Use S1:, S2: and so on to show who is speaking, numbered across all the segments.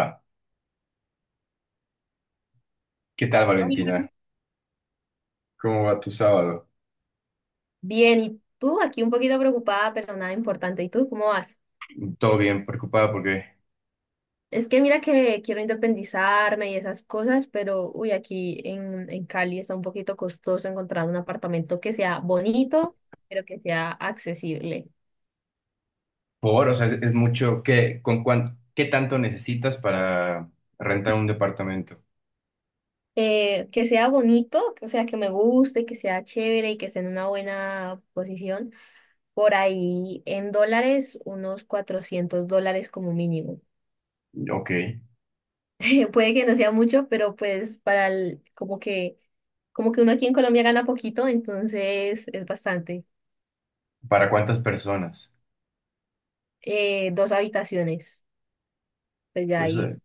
S1: Va. ¿Qué tal,
S2: Hola.
S1: Valentina? ¿Cómo va tu sábado?
S2: Bien, ¿y tú? Aquí un poquito preocupada, pero nada importante. ¿Y tú cómo vas?
S1: ¿Todo bien? ¿Preocupada porque
S2: Es que mira que quiero independizarme y esas cosas, pero uy, aquí en Cali está un poquito costoso encontrar un apartamento que sea bonito, pero que sea accesible.
S1: por, o sea, es mucho? ¿Qué, qué tanto necesitas para rentar un departamento?
S2: Que sea bonito, o sea, que me guste, que sea chévere y que esté en una buena posición. Por ahí en dólares, unos $400 como mínimo.
S1: Ok.
S2: Puede que no sea mucho, pero pues para el, como que uno aquí en Colombia gana poquito, entonces es bastante.
S1: ¿Para cuántas personas?
S2: Dos habitaciones, pues ya ahí,
S1: Entonces,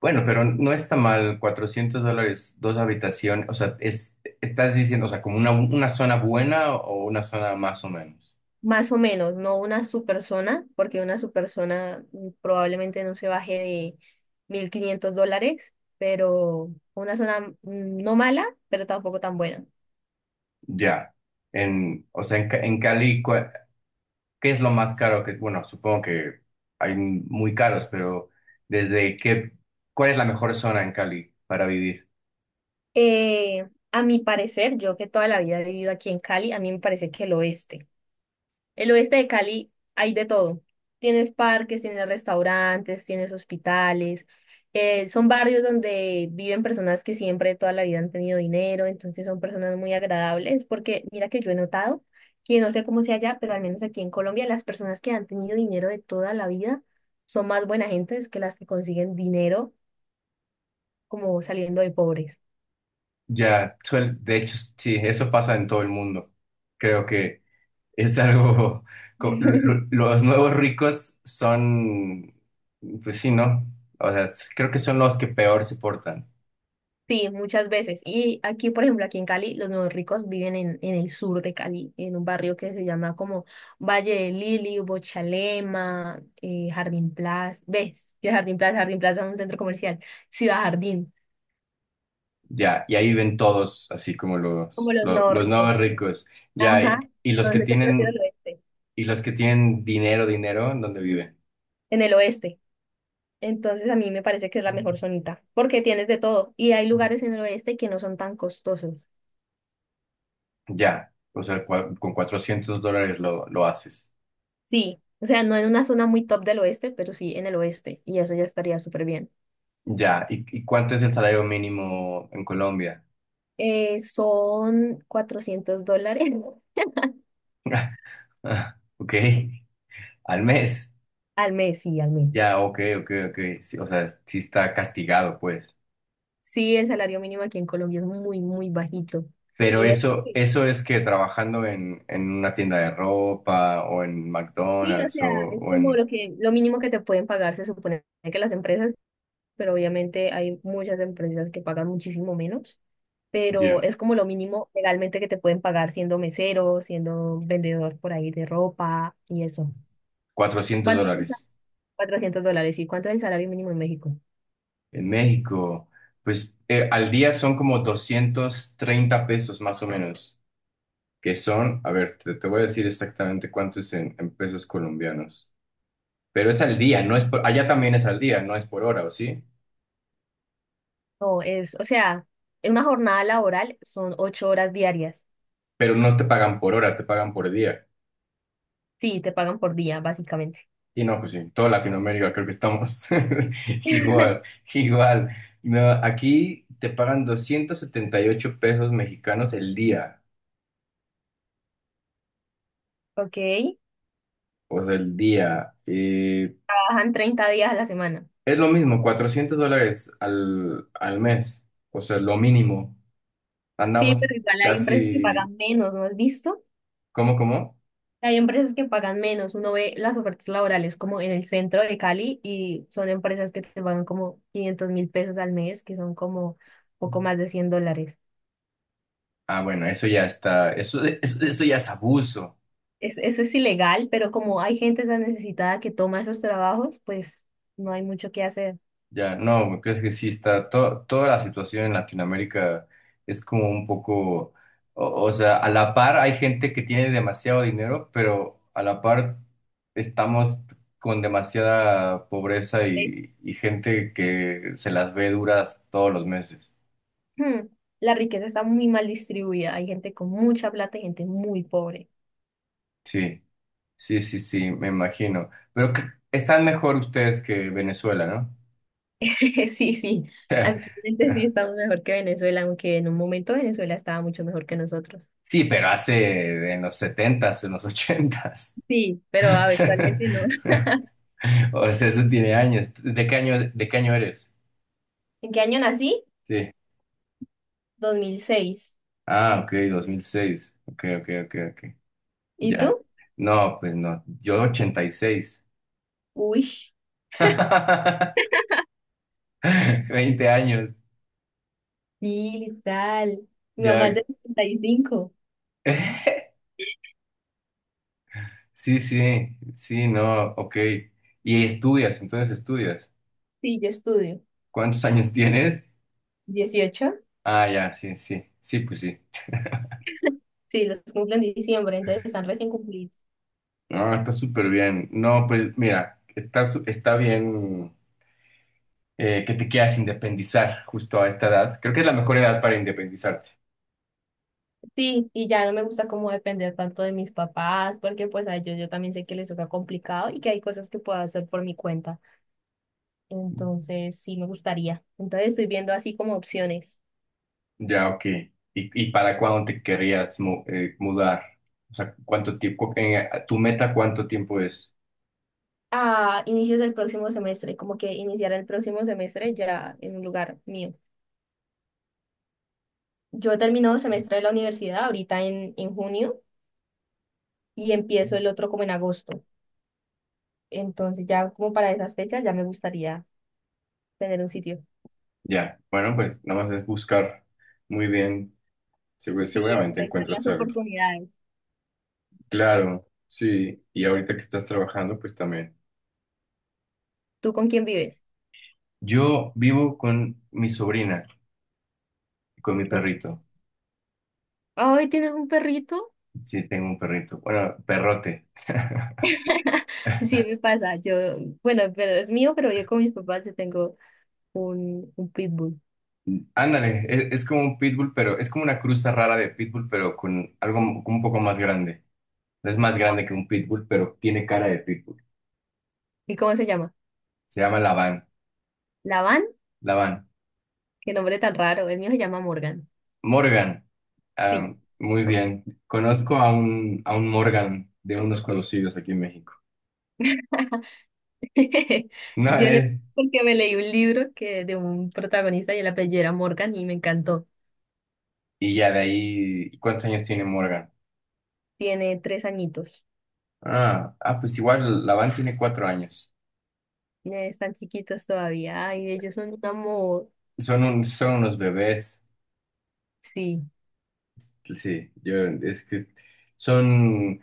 S1: bueno, pero no está mal, $400, dos habitaciones, o sea, es, estás diciendo, o sea, como una zona buena o una zona más o menos.
S2: más o menos, no una super zona, porque una super zona probablemente no se baje de $1.500, pero una zona no mala, pero tampoco tan buena.
S1: Ya. O sea, en Cali, ¿qué es lo más caro que, bueno, supongo que hay muy caros, pero desde qué, cuál es la mejor zona en Cali para vivir?
S2: A mi parecer, yo que toda la vida he vivido aquí en Cali, a mí me parece que el oeste. El oeste de Cali hay de todo. Tienes parques, tienes restaurantes, tienes hospitales. Son barrios donde viven personas que siempre toda la vida han tenido dinero, entonces son personas muy agradables, porque mira que yo he notado que no sé cómo sea allá, pero al menos aquí en Colombia las personas que han tenido dinero de toda la vida son más buena gentes que las que consiguen dinero como saliendo de pobres.
S1: Ya, de hecho, sí, eso pasa en todo el mundo. Creo que es algo, co- lo- los nuevos ricos son, pues sí, ¿no? O sea, creo que son los que peor se portan.
S2: Sí, muchas veces. Y aquí, por ejemplo, aquí en Cali, los nuevos ricos viven en el sur de Cali, en un barrio que se llama como Valle de Lili, Bochalema, Jardín Plaza. ¿Ves? Que Jardín Plaza, Jardín Plaza es un centro comercial. Ciudad Jardín,
S1: Ya, y ahí ven todos, así como los,
S2: como los
S1: lo-
S2: nuevos
S1: los, nuevos
S2: ricos.
S1: ricos. Ya,
S2: Ajá.
S1: y los que
S2: Entonces yo prefiero el
S1: tienen,
S2: oeste.
S1: y los que tienen dinero, dinero, ¿en dónde viven?
S2: En el oeste. Entonces a mí me parece que es la mejor zonita, porque tienes de todo. Y hay lugares en el oeste que no son tan costosos.
S1: Ya, o sea, con $400 lo haces.
S2: Sí. O sea, no en una zona muy top del oeste, pero sí en el oeste. Y eso ya estaría súper bien.
S1: Ya, ¿y, y cuánto es el salario mínimo en Colombia?
S2: Son $400
S1: Ah, ok, al mes.
S2: al mes.
S1: Ya, ok, ok, ok. Sí, o sea, sí está castigado, pues.
S2: Sí, el salario mínimo aquí en Colombia es muy, muy bajito.
S1: Pero
S2: Y es,
S1: eso es que trabajando en una tienda de ropa o en
S2: sí, o
S1: McDonald's
S2: sea, es
S1: o
S2: como
S1: en…
S2: lo mínimo que te pueden pagar, se supone que las empresas, pero obviamente hay muchas empresas que pagan muchísimo menos, pero
S1: Ya,
S2: es como lo mínimo legalmente que te pueden pagar siendo mesero, siendo vendedor por ahí de ropa y eso.
S1: 400
S2: ¿Cuánto es el sal-
S1: dólares.
S2: ¿$400? ¿Y cuánto es el salario mínimo en México?
S1: En México, pues al día son como 230 pesos más o menos, que son, a ver, te voy a decir exactamente cuánto es en pesos colombianos. Pero es al día, no es por, allá también es al día, no es por hora, ¿o sí?
S2: No, es, o sea, en una jornada laboral son 8 horas diarias.
S1: Pero no te pagan por hora, te pagan por día.
S2: Sí, te pagan por día, básicamente.
S1: Y no, pues sí, en toda Latinoamérica creo que estamos igual, igual. No, aquí te pagan 278 pesos mexicanos el día,
S2: Ok.
S1: o sea, el día.
S2: Trabajan 30 días a la semana.
S1: Es lo mismo, $400 al mes, o sea, lo mínimo.
S2: Sí,
S1: Andamos
S2: pero igual hay empresas que
S1: casi,
S2: pagan menos, ¿no has visto?
S1: ¿cómo, cómo?
S2: Hay empresas que pagan menos. Uno ve las ofertas laborales como en el centro de Cali y son empresas que te pagan como $500.000 al mes, que son como poco más de $100.
S1: Ah, bueno, eso ya está, eso ya es abuso.
S2: Eso es ilegal, pero como hay gente tan necesitada que toma esos trabajos, pues no hay mucho que hacer.
S1: Ya, no, me parece que sí está, toda la situación en Latinoamérica es como un poco, o sea, a la par hay gente que tiene demasiado dinero, pero a la par estamos con demasiada pobreza y gente que se las ve duras todos los meses.
S2: Hmm, La riqueza está muy mal distribuida. Hay gente con mucha plata y gente muy pobre.
S1: Sí, sí, me imagino. Pero están mejor ustedes que Venezuela, ¿no?
S2: Sí, sí. Actualmente sí estamos mejor que Venezuela, aunque en un momento Venezuela estaba mucho mejor que nosotros.
S1: Sí, pero hace en los 70, en los 80.
S2: Sí, pero actualmente no.
S1: O sea, eso tiene años. De qué año eres?
S2: ¿En qué año nací?
S1: Sí.
S2: 2006.
S1: Ah, ok, 2006. Ok, ok, ok, ok.
S2: ¿Y
S1: Ya.
S2: tú?
S1: No, pues no. Yo, 86.
S2: Uy,
S1: 20 años.
S2: sí, tal. Mi mamá es
S1: Ya.
S2: de setenta y cinco.
S1: Sí, sí, sí, no, ok. Y estudias, entonces estudias.
S2: Sí, yo estudio.
S1: ¿Cuántos años tienes?
S2: 18.
S1: Ah, ya, sí, sí. Sí, pues sí.
S2: Sí, los cumplen en diciembre, entonces están recién cumplidos.
S1: No, está súper bien. No, pues mira, está, está bien, que te quieras independizar justo a esta edad. Creo que es la mejor edad para independizarte.
S2: Sí, y ya no me gusta como depender tanto de mis papás, porque pues a ellos yo también sé que les toca complicado y que hay cosas que puedo hacer por mi cuenta. Entonces, sí me gustaría. Entonces, estoy viendo así como opciones.
S1: Ya, ok. Y para cuándo te querrías mudar? O sea, ¿cuánto tiempo? ¿Tu meta cuánto tiempo es?
S2: A inicios del próximo semestre, como que iniciar el próximo semestre ya en un lugar mío. Yo termino semestre de la universidad ahorita en junio y empiezo el otro como en agosto. Entonces, ya como para esas fechas ya me gustaría tener un sitio.
S1: Ya, bueno, pues nada más es buscar muy bien.
S2: Sí,
S1: Seguramente
S2: aprovechar las
S1: encuentras algo.
S2: oportunidades.
S1: Claro, sí. Y ahorita que estás trabajando, pues también.
S2: ¿Tú con quién vives?
S1: Yo vivo con mi sobrina, con mi perrito.
S2: Ay, ¿tienes un perrito?
S1: Sí, tengo un perrito. Bueno, perrote.
S2: Sí, me pasa. Yo, bueno, pero es mío, pero yo con mis papás yo tengo un pitbull.
S1: Ándale, es, como un pitbull, pero es como una cruza rara de pitbull, pero con algo un poco más grande. No es más grande que un pitbull, pero tiene cara de pitbull.
S2: ¿Y cómo se llama?
S1: Se llama Lavan.
S2: Lavan,
S1: Lavan.
S2: qué nombre tan raro. El mío se llama Morgan.
S1: Morgan.
S2: Sí.
S1: Ah, muy bien. Conozco a un Morgan de unos conocidos aquí en México. No,
S2: Yo le
S1: él.
S2: Porque me leí un libro que de un protagonista y el apellido era Morgan y me encantó.
S1: Y ya de ahí, ¿cuántos años tiene Morgan?
S2: Tiene 3 añitos.
S1: Ah, ah, pues igual Lavan tiene 4 años.
S2: Están chiquitos todavía. Ay, ellos son un amor.
S1: Son unos bebés.
S2: Sí.
S1: Sí, yo es que son,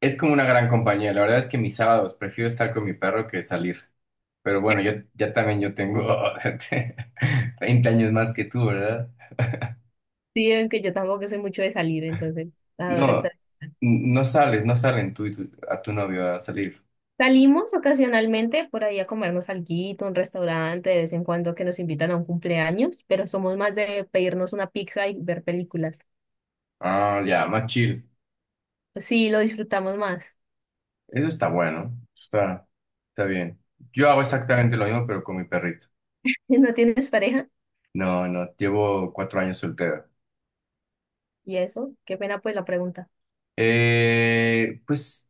S1: es como una gran compañía. La verdad es que mis sábados prefiero estar con mi perro que salir. Pero bueno, yo ya también yo tengo 20 años más que tú, ¿verdad?
S2: Sí, aunque yo tampoco soy mucho de salir, entonces adoro
S1: No,
S2: estar.
S1: no sales, no salen tú y tu, a tu novio a salir.
S2: Salimos ocasionalmente por ahí a comernos alguito, un restaurante, de vez en cuando que nos invitan a un cumpleaños, pero somos más de pedirnos una pizza y ver películas.
S1: Ah, ya, más chill.
S2: Pues sí, lo disfrutamos más.
S1: Eso está bueno, está, está bien. Yo hago exactamente lo mismo, pero con mi perrito.
S2: ¿Y no tienes pareja?
S1: No, no, llevo 4 años soltero.
S2: ¿Y eso? Qué pena pues la pregunta.
S1: Pues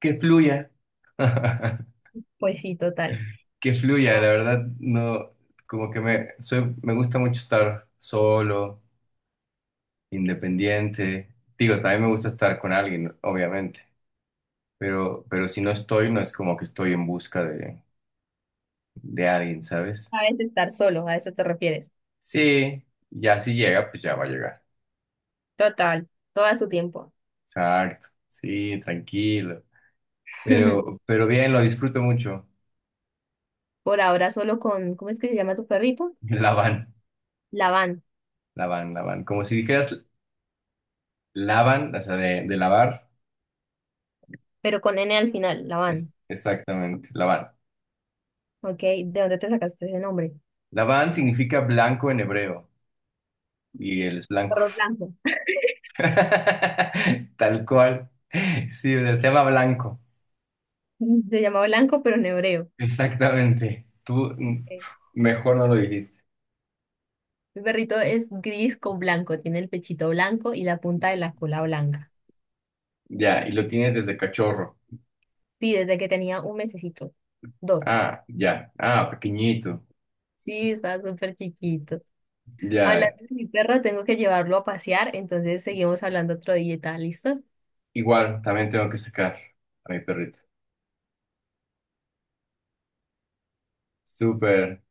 S1: que fluya.
S2: Pues sí, total.
S1: Que fluya,
S2: No.
S1: la verdad, no, como que me, soy, me gusta mucho estar solo, independiente. Digo, también me gusta estar con alguien, obviamente, pero si no estoy, no es como que estoy en busca de alguien, ¿sabes?
S2: Sabes estar solo, a eso te refieres.
S1: Sí, ya si llega, pues ya va a llegar.
S2: Total, todo a su tiempo.
S1: Exacto, sí, tranquilo. Pero bien, lo disfruto mucho.
S2: Por ahora solo con, ¿cómo es que se llama tu perrito?
S1: Lavan,
S2: Labán,
S1: lavan. Como si dijeras lavan, o sea, de lavar.
S2: pero con N al final,
S1: Es,
S2: Labán.
S1: exactamente, lavan.
S2: ¿Ok? ¿De dónde te sacaste ese nombre?
S1: Labán significa blanco en hebreo y él es blanco.
S2: Perro blanco.
S1: Tal cual. Sí, o sea, se llama blanco.
S2: Se llama Blanco, pero en hebreo.
S1: Exactamente. Tú
S2: Ok.
S1: mejor no lo dijiste.
S2: Mi perrito es gris con blanco, tiene el pechito blanco y la punta de la cola blanca.
S1: Ya, y lo tienes desde cachorro.
S2: Sí, desde que tenía un mesecito. Dos.
S1: Ah, ya. Ah, pequeñito.
S2: Sí, está súper chiquito.
S1: Ya.
S2: Hablando de mi perro, tengo que llevarlo a pasear, entonces seguimos hablando otro día, ¿está listo?
S1: Igual, también tengo que sacar a mi perrito. Súper.